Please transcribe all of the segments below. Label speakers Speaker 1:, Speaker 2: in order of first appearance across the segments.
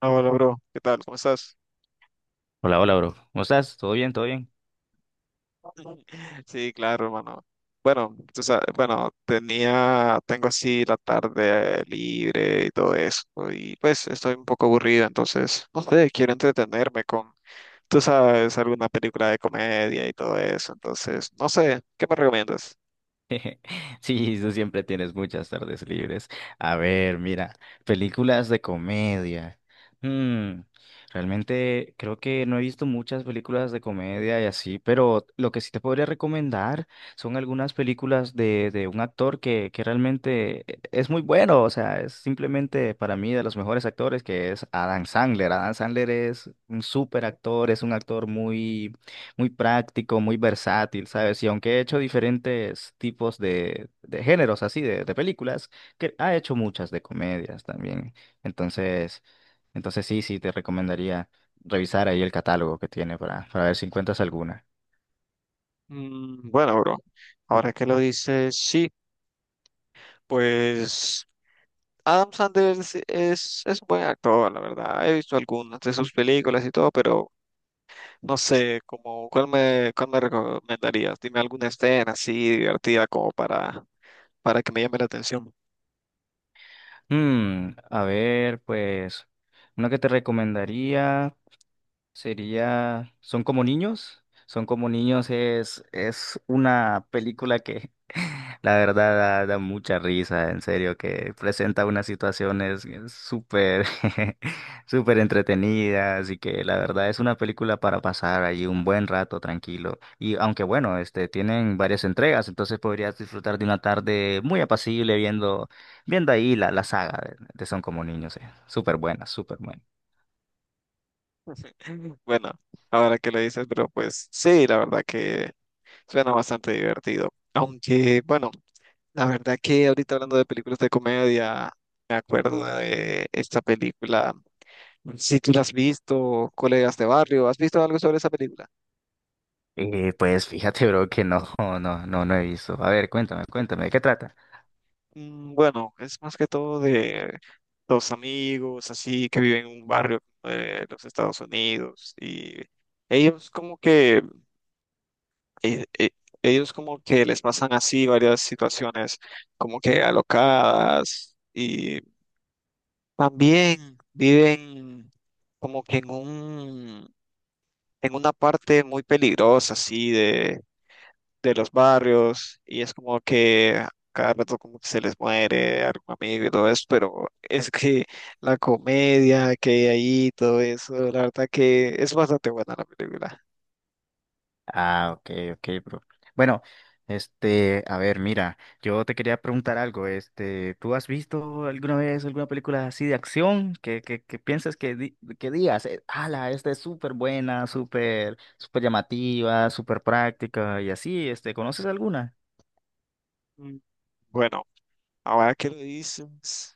Speaker 1: Hola, bro. ¿Qué tal? ¿Cómo estás?
Speaker 2: Hola, hola, bro. ¿Cómo estás? ¿Todo bien? ¿Todo bien?
Speaker 1: Sí, claro, hermano. Bueno, tú sabes, bueno, tengo así la tarde libre y todo eso, y pues estoy un poco aburrido, entonces, no sé, quiero entretenerme con tú sabes, alguna película de comedia y todo eso, entonces, no sé, ¿qué me recomiendas?
Speaker 2: Sí, tú siempre tienes muchas tardes libres. A ver, mira, películas de comedia. Mm, realmente creo que no he visto muchas películas de comedia y así, pero lo que sí te podría recomendar son algunas películas de un actor que realmente es muy bueno. O sea, es simplemente para mí de los mejores actores, que es Adam Sandler. Adam Sandler es un súper actor, es un actor muy práctico, muy versátil, ¿sabes? Y aunque he hecho diferentes tipos de géneros así, de películas, que ha hecho muchas de comedias también. Entonces, entonces sí, sí, te recomendaría revisar ahí el catálogo que tiene para ver si encuentras alguna.
Speaker 1: Bueno, bro, ahora que lo dices, sí, pues Adam Sanders es un buen actor, la verdad. He visto algunas de sus películas y todo, pero no sé, como, ¿cuál me recomendarías? Dime alguna escena así divertida como para que me llame la atención.
Speaker 2: A ver, pues, una que te recomendaría sería Son como niños. Son como niños es una película que la verdad da mucha risa, en serio, que presenta unas situaciones súper, súper entretenidas y que la verdad es una película para pasar allí un buen rato tranquilo. Y aunque bueno, este, tienen varias entregas, entonces podrías disfrutar de una tarde muy apacible viendo ahí la saga de Son como niños, eh. Súper buena, súper buena.
Speaker 1: Bueno, ahora que lo dices, pero pues sí, la verdad que suena bastante divertido. Aunque, bueno, la verdad que ahorita hablando de películas de comedia, me acuerdo de esta película. Si tú la has visto, Colegas de Barrio, ¿has visto algo sobre esa película?
Speaker 2: Pues fíjate, bro, que no, no he visto. A ver, cuéntame, ¿de qué trata?
Speaker 1: Bueno, es más que todo de dos amigos así que viven en un barrio de los Estados Unidos y ellos como que eh, eh, ellos como que les pasan así varias situaciones como que alocadas y también viven como que en un en una parte muy peligrosa así de los barrios y es como que cada rato como que se les muere algún amigo y todo eso, pero es que la comedia que hay ahí, todo eso, la verdad que es bastante buena la película.
Speaker 2: Ah, ok, ok, bro. Bueno, este, a ver, mira, yo te quería preguntar algo. Este, ¿tú has visto alguna vez alguna película así de acción que piensas que digas, ala, esta es súper buena, súper, súper llamativa, súper práctica y así, este, ¿conoces alguna?
Speaker 1: Mm. Bueno, ahora que lo dices,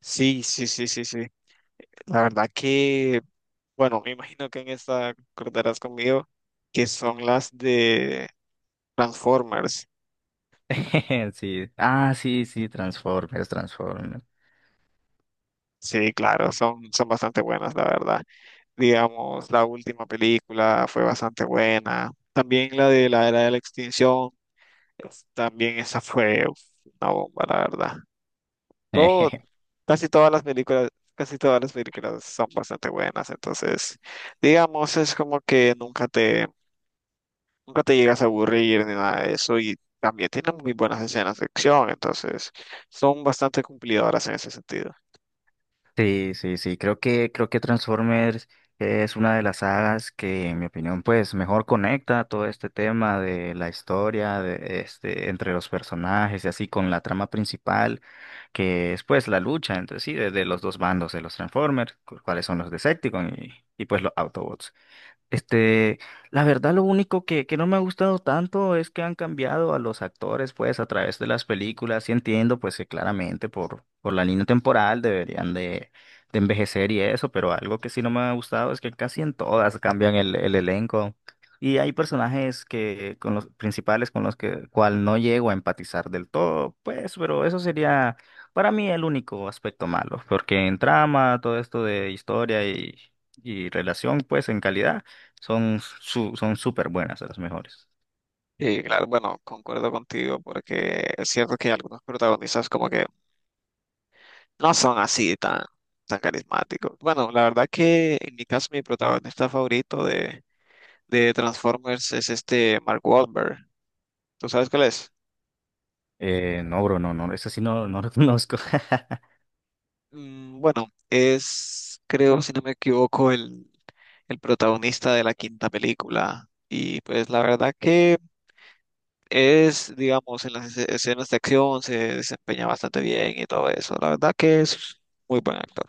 Speaker 1: sí, sí, sí, sí, sí, la verdad que, bueno, me imagino que en esta acordarás conmigo que son las de Transformers.
Speaker 2: Sí. Ah, sí, sí, Transformers, Transformers.
Speaker 1: Sí, claro, son bastante buenas, la verdad. Digamos, la última película fue bastante buena. También la de la era de la extinción, también esa fue uf, una bomba, la verdad. Todo, casi todas las películas, casi todas las películas son bastante buenas, entonces, digamos, es como que nunca te llegas a aburrir ni nada de eso y también tienen muy buenas escenas de acción, entonces son bastante cumplidoras en ese sentido.
Speaker 2: Sí, sí, sí, creo que Transformers es una de las sagas que, en mi opinión, pues mejor conecta todo este tema de la historia, de este, entre los personajes y así con la trama principal, que es pues la lucha entre sí, de los dos bandos de los Transformers, cuáles son los Decepticons y pues los Autobots. Este, la verdad, lo único que no me ha gustado tanto es que han cambiado a los actores, pues, a través de las películas, y entiendo, pues, que claramente por la línea temporal deberían de envejecer y eso, pero algo que sí no me ha gustado es que casi en todas cambian el elenco. Y hay personajes que, con los principales con los que, cual no llego a empatizar del todo, pues, pero eso sería para mí el único aspecto malo, porque en trama, todo esto de historia y relación, pues, en calidad. Son súper buenas, de las mejores.
Speaker 1: Y claro, bueno, concuerdo contigo porque es cierto que algunos protagonistas como que no son así tan, tan carismáticos. Bueno, la verdad que en mi caso mi protagonista favorito de Transformers es este Mark Wahlberg. ¿Tú sabes cuál es?
Speaker 2: No, bro, no, no, esa sí no, no lo conozco.
Speaker 1: Bueno, es, creo, si no me equivoco, el protagonista de la quinta película. Y pues la verdad que es, digamos, en las escenas de acción se desempeña bastante bien y todo eso. La verdad que es muy buen actor.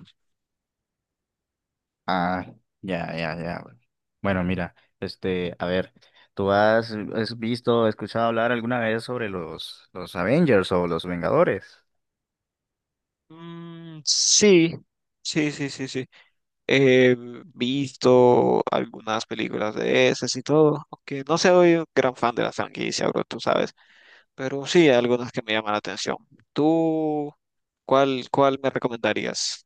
Speaker 2: Ah, ya, ya, ya, bro. Bueno, mira, este, a ver, ¿tú has, has visto, escuchado hablar alguna vez sobre los Avengers o los Vengadores?
Speaker 1: Sí, sí, sí, sí, sí. He visto algunas películas de esas y todo, aunque no soy un gran fan de la franquicia, bro, tú sabes, pero sí hay algunas que me llaman la atención. ¿Tú cuál me recomendarías?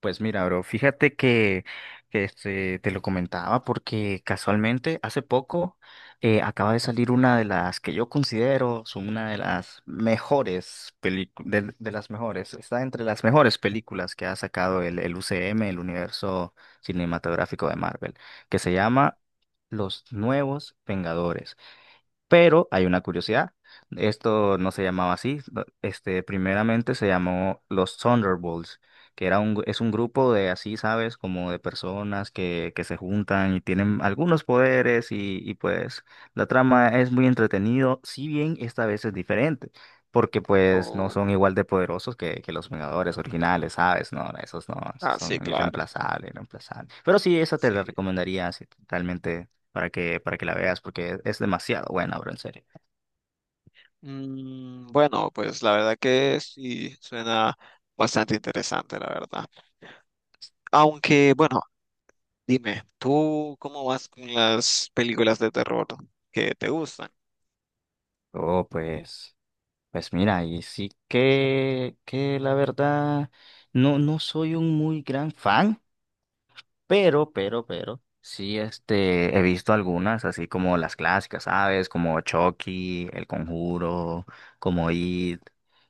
Speaker 2: Pues mira, bro, fíjate que este, te lo comentaba porque casualmente hace poco acaba de salir una de las que yo considero son una de las mejores películas, de las mejores, está entre las mejores películas que ha sacado el UCM, el universo cinematográfico de Marvel, que se llama Los Nuevos Vengadores. Pero hay una curiosidad. Esto no se llamaba así. Este, primeramente se llamó los Thunderbolts, que era es un grupo de así, ¿sabes? Como de personas que se juntan y tienen algunos poderes y pues la trama es muy entretenido, si bien esta vez es diferente, porque pues no
Speaker 1: Oh,
Speaker 2: son igual de poderosos que los Vengadores originales, ¿sabes? No, esos no, esos
Speaker 1: ah,
Speaker 2: son
Speaker 1: sí, claro.
Speaker 2: irreemplazables, irreemplazables. Pero sí, esa te
Speaker 1: Sí.
Speaker 2: la recomendaría si realmente para que la veas, porque es demasiado buena, bro, en serio.
Speaker 1: Bueno, pues la verdad que sí suena bastante interesante, la verdad. Aunque, bueno, dime, ¿tú cómo vas con las películas de terror que te gustan?
Speaker 2: Oh, pues, pues mira, y sí que la verdad, no, no soy un muy gran fan, pero sí, este, he visto algunas, así como las clásicas, ¿sabes? Como Chucky, El Conjuro, como It,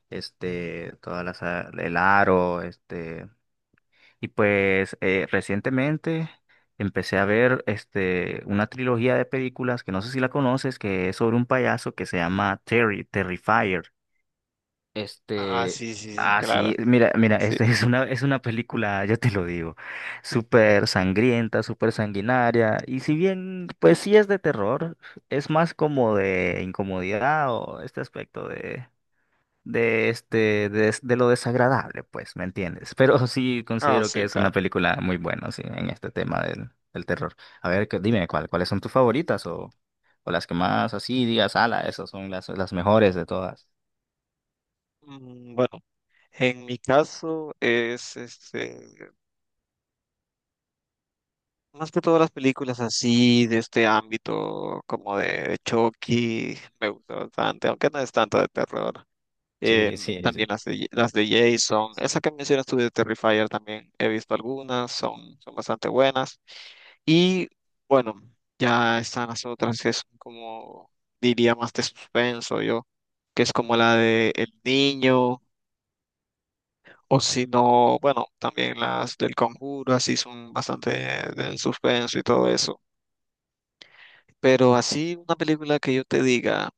Speaker 2: este, todas las, el Aro, este. Y pues recientemente empecé a ver este, una trilogía de películas que no sé si la conoces, que es sobre un payaso que se llama Terrifier.
Speaker 1: Ah,
Speaker 2: Este,
Speaker 1: sí, sí, sí,
Speaker 2: ah,
Speaker 1: claro.
Speaker 2: sí, mira, mira,
Speaker 1: Sí.
Speaker 2: este es una película, ya te lo digo, súper sangrienta, súper sanguinaria, y si bien, pues sí es de terror, es más como de incomodidad o este aspecto de lo desagradable, pues, ¿me entiendes? Pero sí
Speaker 1: Ah,
Speaker 2: considero que
Speaker 1: sí,
Speaker 2: es una
Speaker 1: claro.
Speaker 2: película muy buena, sí, en este tema del terror. A ver, dime cuál, cuáles son tus favoritas o las que más así digas, ala, esas son las mejores de todas.
Speaker 1: Bueno, en mi caso es este, más que todas las películas así de este ámbito como de Chucky, me gusta bastante, aunque no es tanto de terror. eh,
Speaker 2: Sí, sí,
Speaker 1: También
Speaker 2: sí.
Speaker 1: las de Jason, esa que mencionas tú de Terrifier también he visto algunas, son bastante buenas. Y bueno, ya están las otras que son como, diría más de suspenso yo, que es como la de El Niño, o si no, bueno, también las del Conjuro, así son bastante del suspenso y todo eso. Pero así una película que yo te diga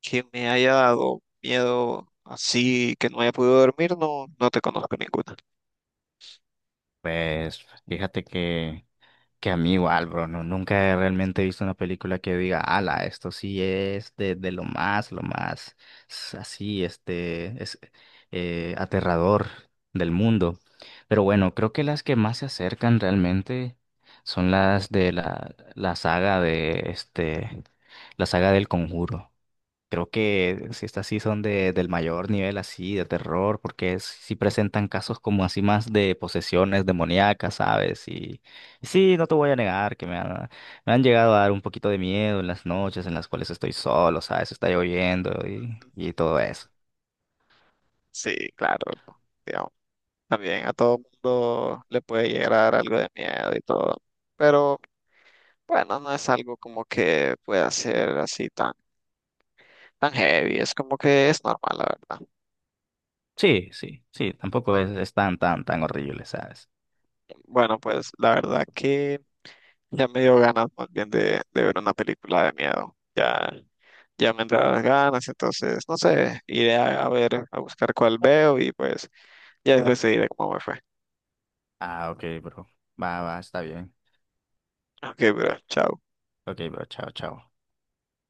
Speaker 1: que me haya dado miedo así que no haya podido dormir, no, no te conozco ninguna.
Speaker 2: Pues fíjate que que a mí igual, bro, no, nunca he realmente he visto una película que diga, ala, esto sí es de lo más así, este, es aterrador del mundo. Pero bueno, creo que las que más se acercan realmente son las de la saga de este, la saga del Conjuro. Creo que si estas sí son de, del mayor nivel así de terror, porque sí presentan casos como así más de posesiones demoníacas, ¿sabes? Y sí, no te voy a negar que me han llegado a dar un poquito de miedo en las noches en las cuales estoy solo, ¿sabes? Está lloviendo y todo eso.
Speaker 1: Sí, claro, ¿no? Digamos, también a todo mundo le puede llegar a dar algo de miedo y todo, pero bueno, no es algo como que pueda ser así tan, tan heavy, es como que es normal, la verdad.
Speaker 2: Sí, sí, sí, tampoco es, es tan, tan, tan horrible, ¿sabes?
Speaker 1: Bueno, pues la verdad que ya me dio ganas más bien de ver una película de miedo, ya, ya me entraron las ganas, entonces, no sé, iré a ver, a buscar cuál veo y pues ya les decidiré cómo me fue.
Speaker 2: Ah, ok, bro. Va, va, está bien.
Speaker 1: Ok, bro, chao.
Speaker 2: Ok, bro, chao, chao.